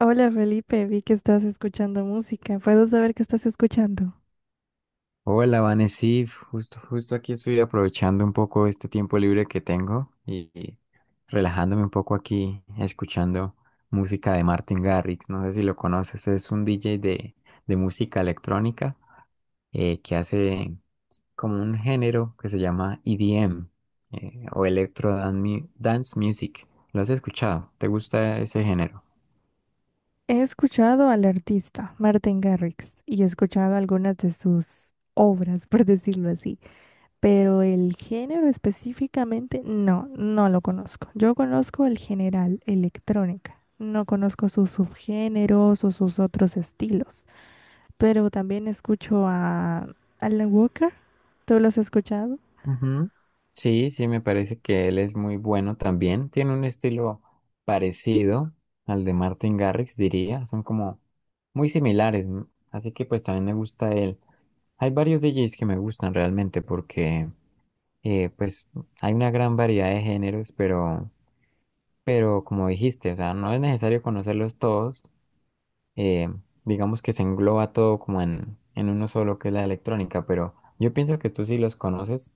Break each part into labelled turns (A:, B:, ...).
A: Hola Felipe, vi que estás escuchando música. ¿Puedo saber qué estás escuchando?
B: Hola, Vanesif, justo aquí estoy aprovechando un poco este tiempo libre que tengo y relajándome un poco aquí escuchando música de Martin Garrix. No sé si lo conoces, es un DJ de música electrónica, que hace como un género que se llama EDM, o Electro Dance Music. ¿Lo has escuchado? ¿Te gusta ese género?
A: He escuchado al artista Martin Garrix y he escuchado algunas de sus obras, por decirlo así, pero el género específicamente no lo conozco. Yo conozco el general, electrónica. No conozco sus subgéneros o sus otros estilos, pero también escucho a Alan Walker. ¿Tú lo has escuchado?
B: Ujú. Sí, sí, me parece que él es muy bueno también. Tiene un estilo parecido al de Martin Garrix, diría. Son como muy similares, ¿no? Así que pues también me gusta él. Hay varios DJs que me gustan realmente porque, pues hay una gran variedad de géneros, pero como dijiste, o sea, no es necesario conocerlos todos. Eh, digamos que se engloba todo como en uno solo que es la electrónica, pero yo pienso que tú sí los conoces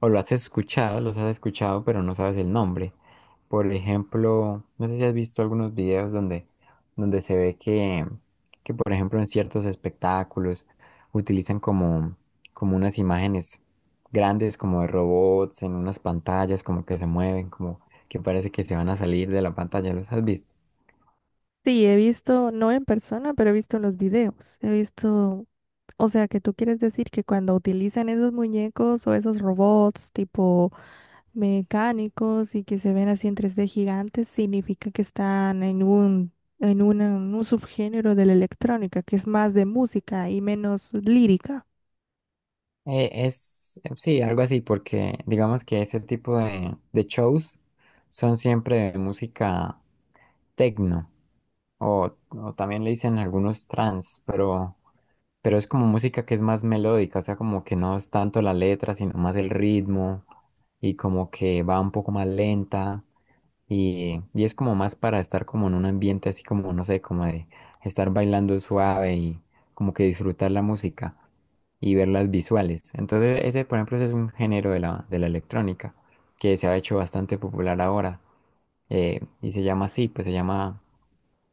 B: o lo has escuchado, los has escuchado, pero no sabes el nombre. Por ejemplo, no sé si has visto algunos videos donde se ve que, por ejemplo, en ciertos espectáculos utilizan como unas imágenes grandes, como de robots, en unas pantallas, como que se mueven, como que parece que se van a salir de la pantalla. ¿Los has visto?
A: Sí, he visto, no en persona, pero he visto los videos. He visto. O sea, que tú quieres decir que cuando utilizan esos muñecos o esos robots tipo mecánicos y que se ven así en 3D gigantes, significa que están en en un subgénero de la electrónica, que es más de música y menos lírica.
B: Sí, algo así, porque digamos que ese tipo de shows son siempre de música tecno. O también le dicen algunos trans, pero es como música que es más melódica, o sea, como que no es tanto la letra, sino más el ritmo y como que va un poco más lenta. Y es como más para estar como en un ambiente así como, no sé, como de estar bailando suave y como que disfrutar la música y ver las visuales. Entonces ese, por ejemplo, ese es un género de la, electrónica que se ha hecho bastante popular ahora, y se llama así, pues se llama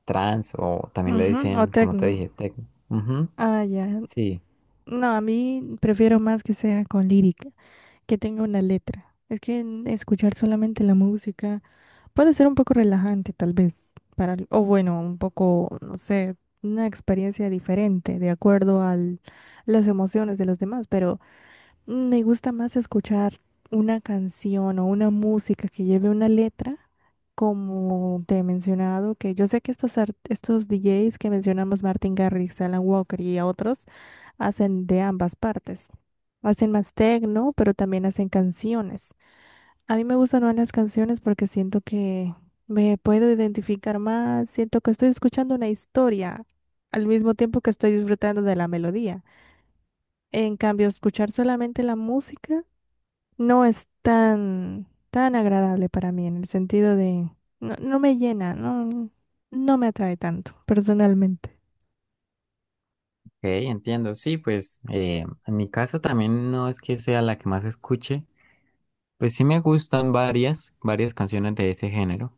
B: trance o también le
A: Ujú, o
B: dicen, como te
A: tecno.
B: dije, techno. Ujú.
A: Ah, ya.
B: Sí,
A: No, a mí prefiero más que sea con lírica, que tenga una letra. Es que en escuchar solamente la música. Puede ser un poco relajante, tal vez, o bueno, un poco, no sé, una experiencia diferente de acuerdo a las emociones de los demás, pero me gusta más escuchar una canción o una música que lleve una letra, como te he mencionado, que yo sé que estos DJs que mencionamos, Martin Garrix, Alan Walker y otros, hacen de ambas partes. Hacen más techno, pero también hacen canciones. A mí me gustan más las canciones porque siento que me puedo identificar más, siento que estoy escuchando una historia al mismo tiempo que estoy disfrutando de la melodía. En cambio, escuchar solamente la música no es tan agradable para mí en el sentido de no me llena, no me atrae tanto personalmente.
B: ok, entiendo. Sí, pues, en mi caso también no es que sea la que más escuche. Pues sí me gustan varias canciones de ese género,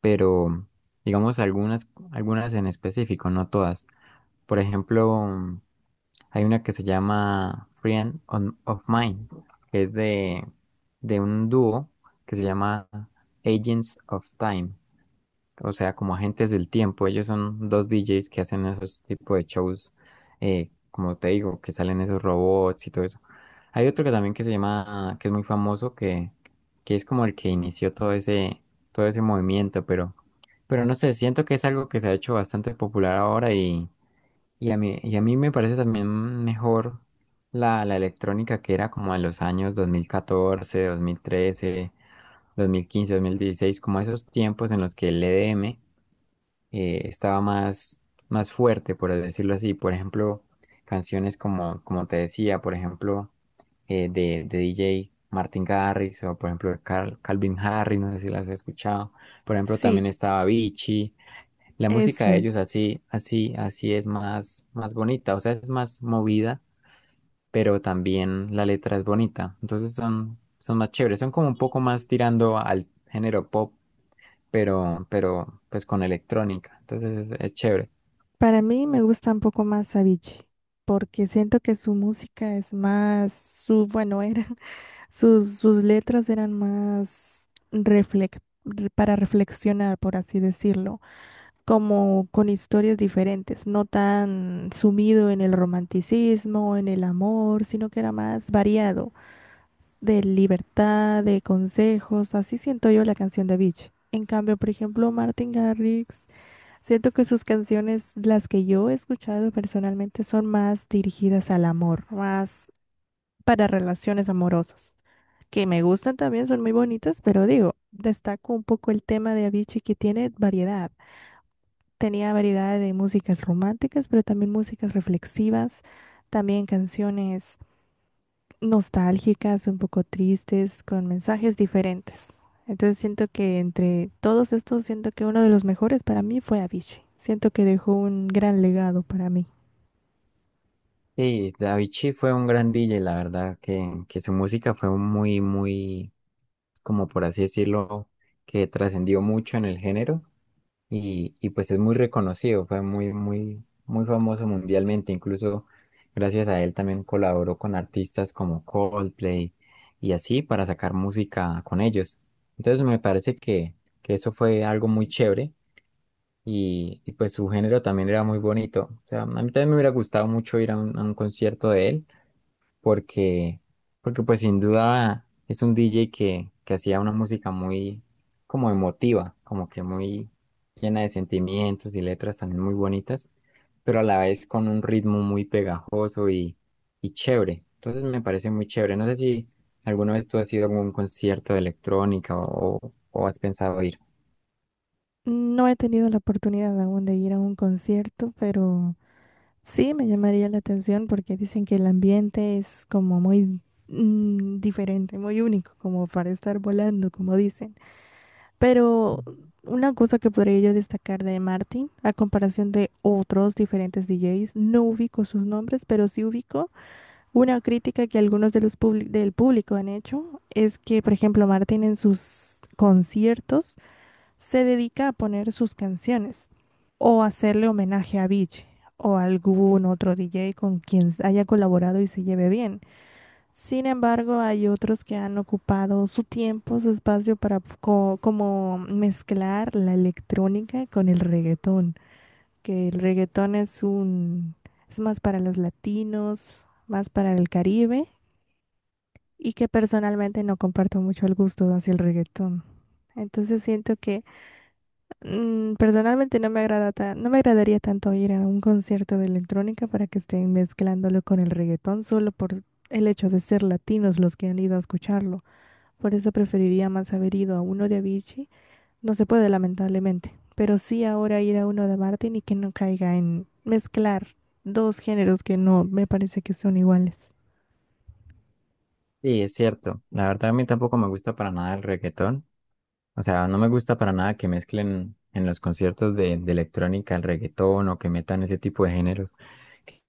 B: pero digamos algunas en específico, no todas. Por ejemplo, hay una que se llama Friend of Mine, que es de, un dúo que se llama Agents of Time, o sea, como agentes del tiempo. Ellos son dos DJs que hacen esos tipos de shows, como te digo, que salen esos robots y todo eso. Hay otro que también que se llama, que es muy famoso, que es como el que inició todo ese, movimiento, pero no sé, siento que es algo que se ha hecho bastante popular ahora, y a mí me parece también mejor la electrónica que era como en los años dos mil catorce, 13, 15, 2016, como esos tiempos en los que el EDM, estaba más, fuerte, por decirlo así. Por ejemplo, canciones como, te decía, por ejemplo, de DJ Martin Garrix o por ejemplo de Calvin Harris, no sé si las has escuchado. Por ejemplo,
A: Sí,
B: también estaba Avicii. La música de
A: ese.
B: ellos así, así, así es más, bonita, o sea, es más movida, pero también la letra es bonita. Entonces son más chéveres, son como un poco más tirando al género pop, pero pues con electrónica. Entonces es chévere.
A: Para mí me gusta un poco más Avicii porque siento que su música es más su, bueno, era. Sus letras eran más para reflexionar, por así decirlo, como con historias diferentes, no tan sumido en el romanticismo, en el amor, sino que era más variado, de libertad, de consejos, así siento yo la canción de Beach. En cambio, por ejemplo, Martin Garrix, siento que sus canciones, las que yo he escuchado personalmente, son más dirigidas al amor, más para relaciones amorosas que me gustan también, son muy bonitas, pero digo, destaco un poco el tema de Avicii que tiene variedad. Tenía variedad de músicas románticas, pero también músicas reflexivas, también canciones nostálgicas, un poco tristes, con mensajes diferentes. Entonces siento que entre todos estos, siento que uno de los mejores para mí fue Avicii. Siento que dejó un gran legado para mí.
B: Sí, Avicii fue un gran DJ, la verdad, que su música fue muy, muy, como por así decirlo, que trascendió mucho en el género y pues es muy reconocido, fue muy, muy, muy famoso mundialmente, incluso gracias a él también colaboró con artistas como Coldplay y así para sacar música con ellos. Entonces me parece que eso fue algo muy chévere y pues su género también era muy bonito. O sea, a mí también me hubiera gustado mucho ir a a un concierto de él, porque, porque pues sin duda es un DJ que hacía una música muy como emotiva, como que muy llena de sentimientos y letras también muy bonitas, pero a la vez con un ritmo muy pegajoso y chévere. Entonces me parece muy chévere. No sé si alguna vez tú has ido a algún concierto de electrónica o has pensado ir.
A: No he tenido la oportunidad aún de ir a un concierto, pero sí, me llamaría la atención porque dicen que el ambiente es como muy diferente, muy único, como para estar volando, como dicen. Pero una cosa que podría yo destacar de Martin, a comparación de otros diferentes DJs, no ubico sus nombres, pero sí ubico una crítica que algunos de los del público han hecho, es que, por ejemplo, Martin en sus conciertos, se dedica a poner sus canciones o hacerle homenaje a Beach o a algún otro DJ con quien haya colaborado y se lleve bien. Sin embargo, hay otros que han ocupado su tiempo, su espacio para como mezclar la electrónica con el reggaetón, que el reggaetón es un es más para los latinos, más para el Caribe y que personalmente no comparto mucho el gusto hacia el reggaetón. Entonces siento que personalmente no me no me agradaría tanto ir a un concierto de electrónica para que estén mezclándolo con el reggaetón solo por el hecho de ser latinos los que han ido a escucharlo. Por eso preferiría más haber ido a uno de Avicii. No se puede, lamentablemente, pero sí ahora ir a uno de Martin y que no caiga en mezclar dos géneros que no me parece que son iguales.
B: Sí, es cierto. La verdad a mí tampoco me gusta para nada el reggaetón. O sea, no me gusta para nada que mezclen en los conciertos de, electrónica el reggaetón o que metan ese tipo de géneros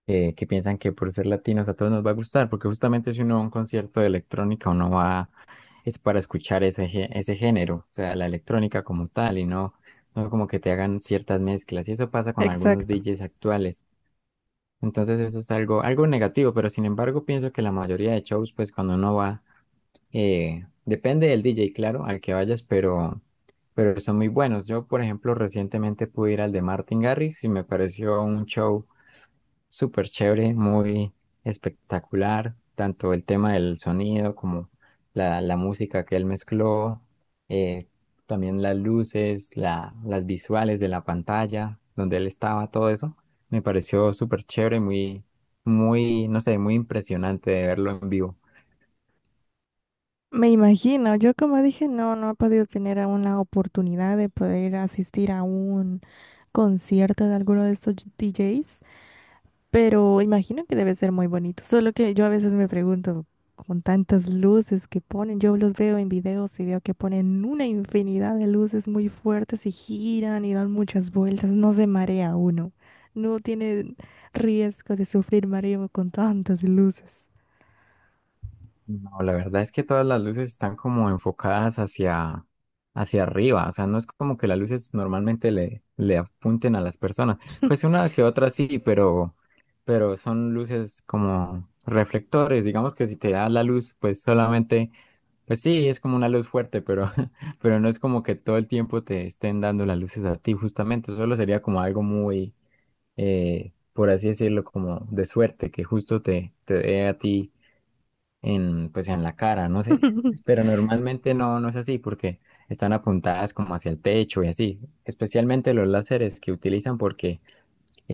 B: que piensan que por ser latinos a todos nos va a gustar, porque justamente si uno va a un concierto de electrónica uno va es para escuchar ese, ese género, o sea, la electrónica como tal y no, no como que te hagan ciertas mezclas y eso pasa con algunos
A: Exacto.
B: DJs actuales. Entonces eso es algo, algo negativo, pero sin embargo pienso que la mayoría de shows, pues cuando uno va, depende del DJ, claro, al que vayas, pero son muy buenos. Yo, por ejemplo, recientemente pude ir al de Martin Garrix y me pareció un show súper chévere, muy espectacular, tanto el tema del sonido como la, música que él mezcló, eh, también las luces, las visuales de la pantalla donde él estaba, todo eso, me pareció súper chévere, muy, muy, no sé, muy impresionante de verlo en vivo.
A: Me imagino, yo como dije, no he podido tener aún la oportunidad de poder asistir a un concierto de alguno de estos DJs, pero imagino que debe ser muy bonito. Solo que yo a veces me pregunto, con tantas luces que ponen, yo los veo en videos y veo que ponen una infinidad de luces muy fuertes y giran y dan muchas vueltas. ¿No se marea uno? No tiene riesgo de sufrir mareo con tantas luces.
B: No, la verdad es que todas las luces están como enfocadas hacia, arriba, o sea, no es como que las luces normalmente le apunten a las personas, pues una que otra sí, pero son luces como reflectores, digamos que si te da la luz, pues solamente, pues sí, es como una luz fuerte, pero, pero no es como que todo el tiempo te estén dando las luces a ti, justamente, solo sería como algo muy, por así decirlo, como de suerte, que justo te dé a ti en, pues en la cara, no sé. Pero normalmente no, no es así porque están apuntadas como hacia el techo y así. Especialmente los láseres que utilizan porque,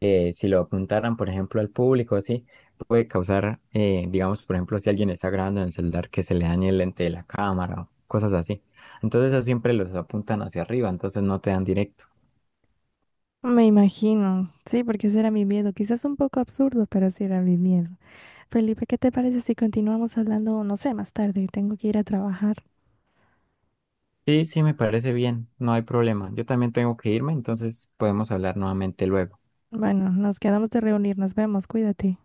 B: si lo apuntaran, por ejemplo, al público, así, puede causar, digamos, por ejemplo, si alguien está grabando en el celular, que se le dañe el lente de la cámara o cosas así. Entonces eso siempre los apuntan hacia arriba, entonces no te dan directo.
A: Me imagino, sí, porque ese era mi miedo. Quizás un poco absurdo, pero sí era mi miedo. Felipe, ¿qué te parece si continuamos hablando, no sé, más tarde? Tengo que ir a trabajar.
B: Sí, sí, me parece bien, no hay problema. Yo también tengo que irme, entonces podemos hablar nuevamente luego.
A: Bueno, nos quedamos de reunir, nos vemos, cuídate.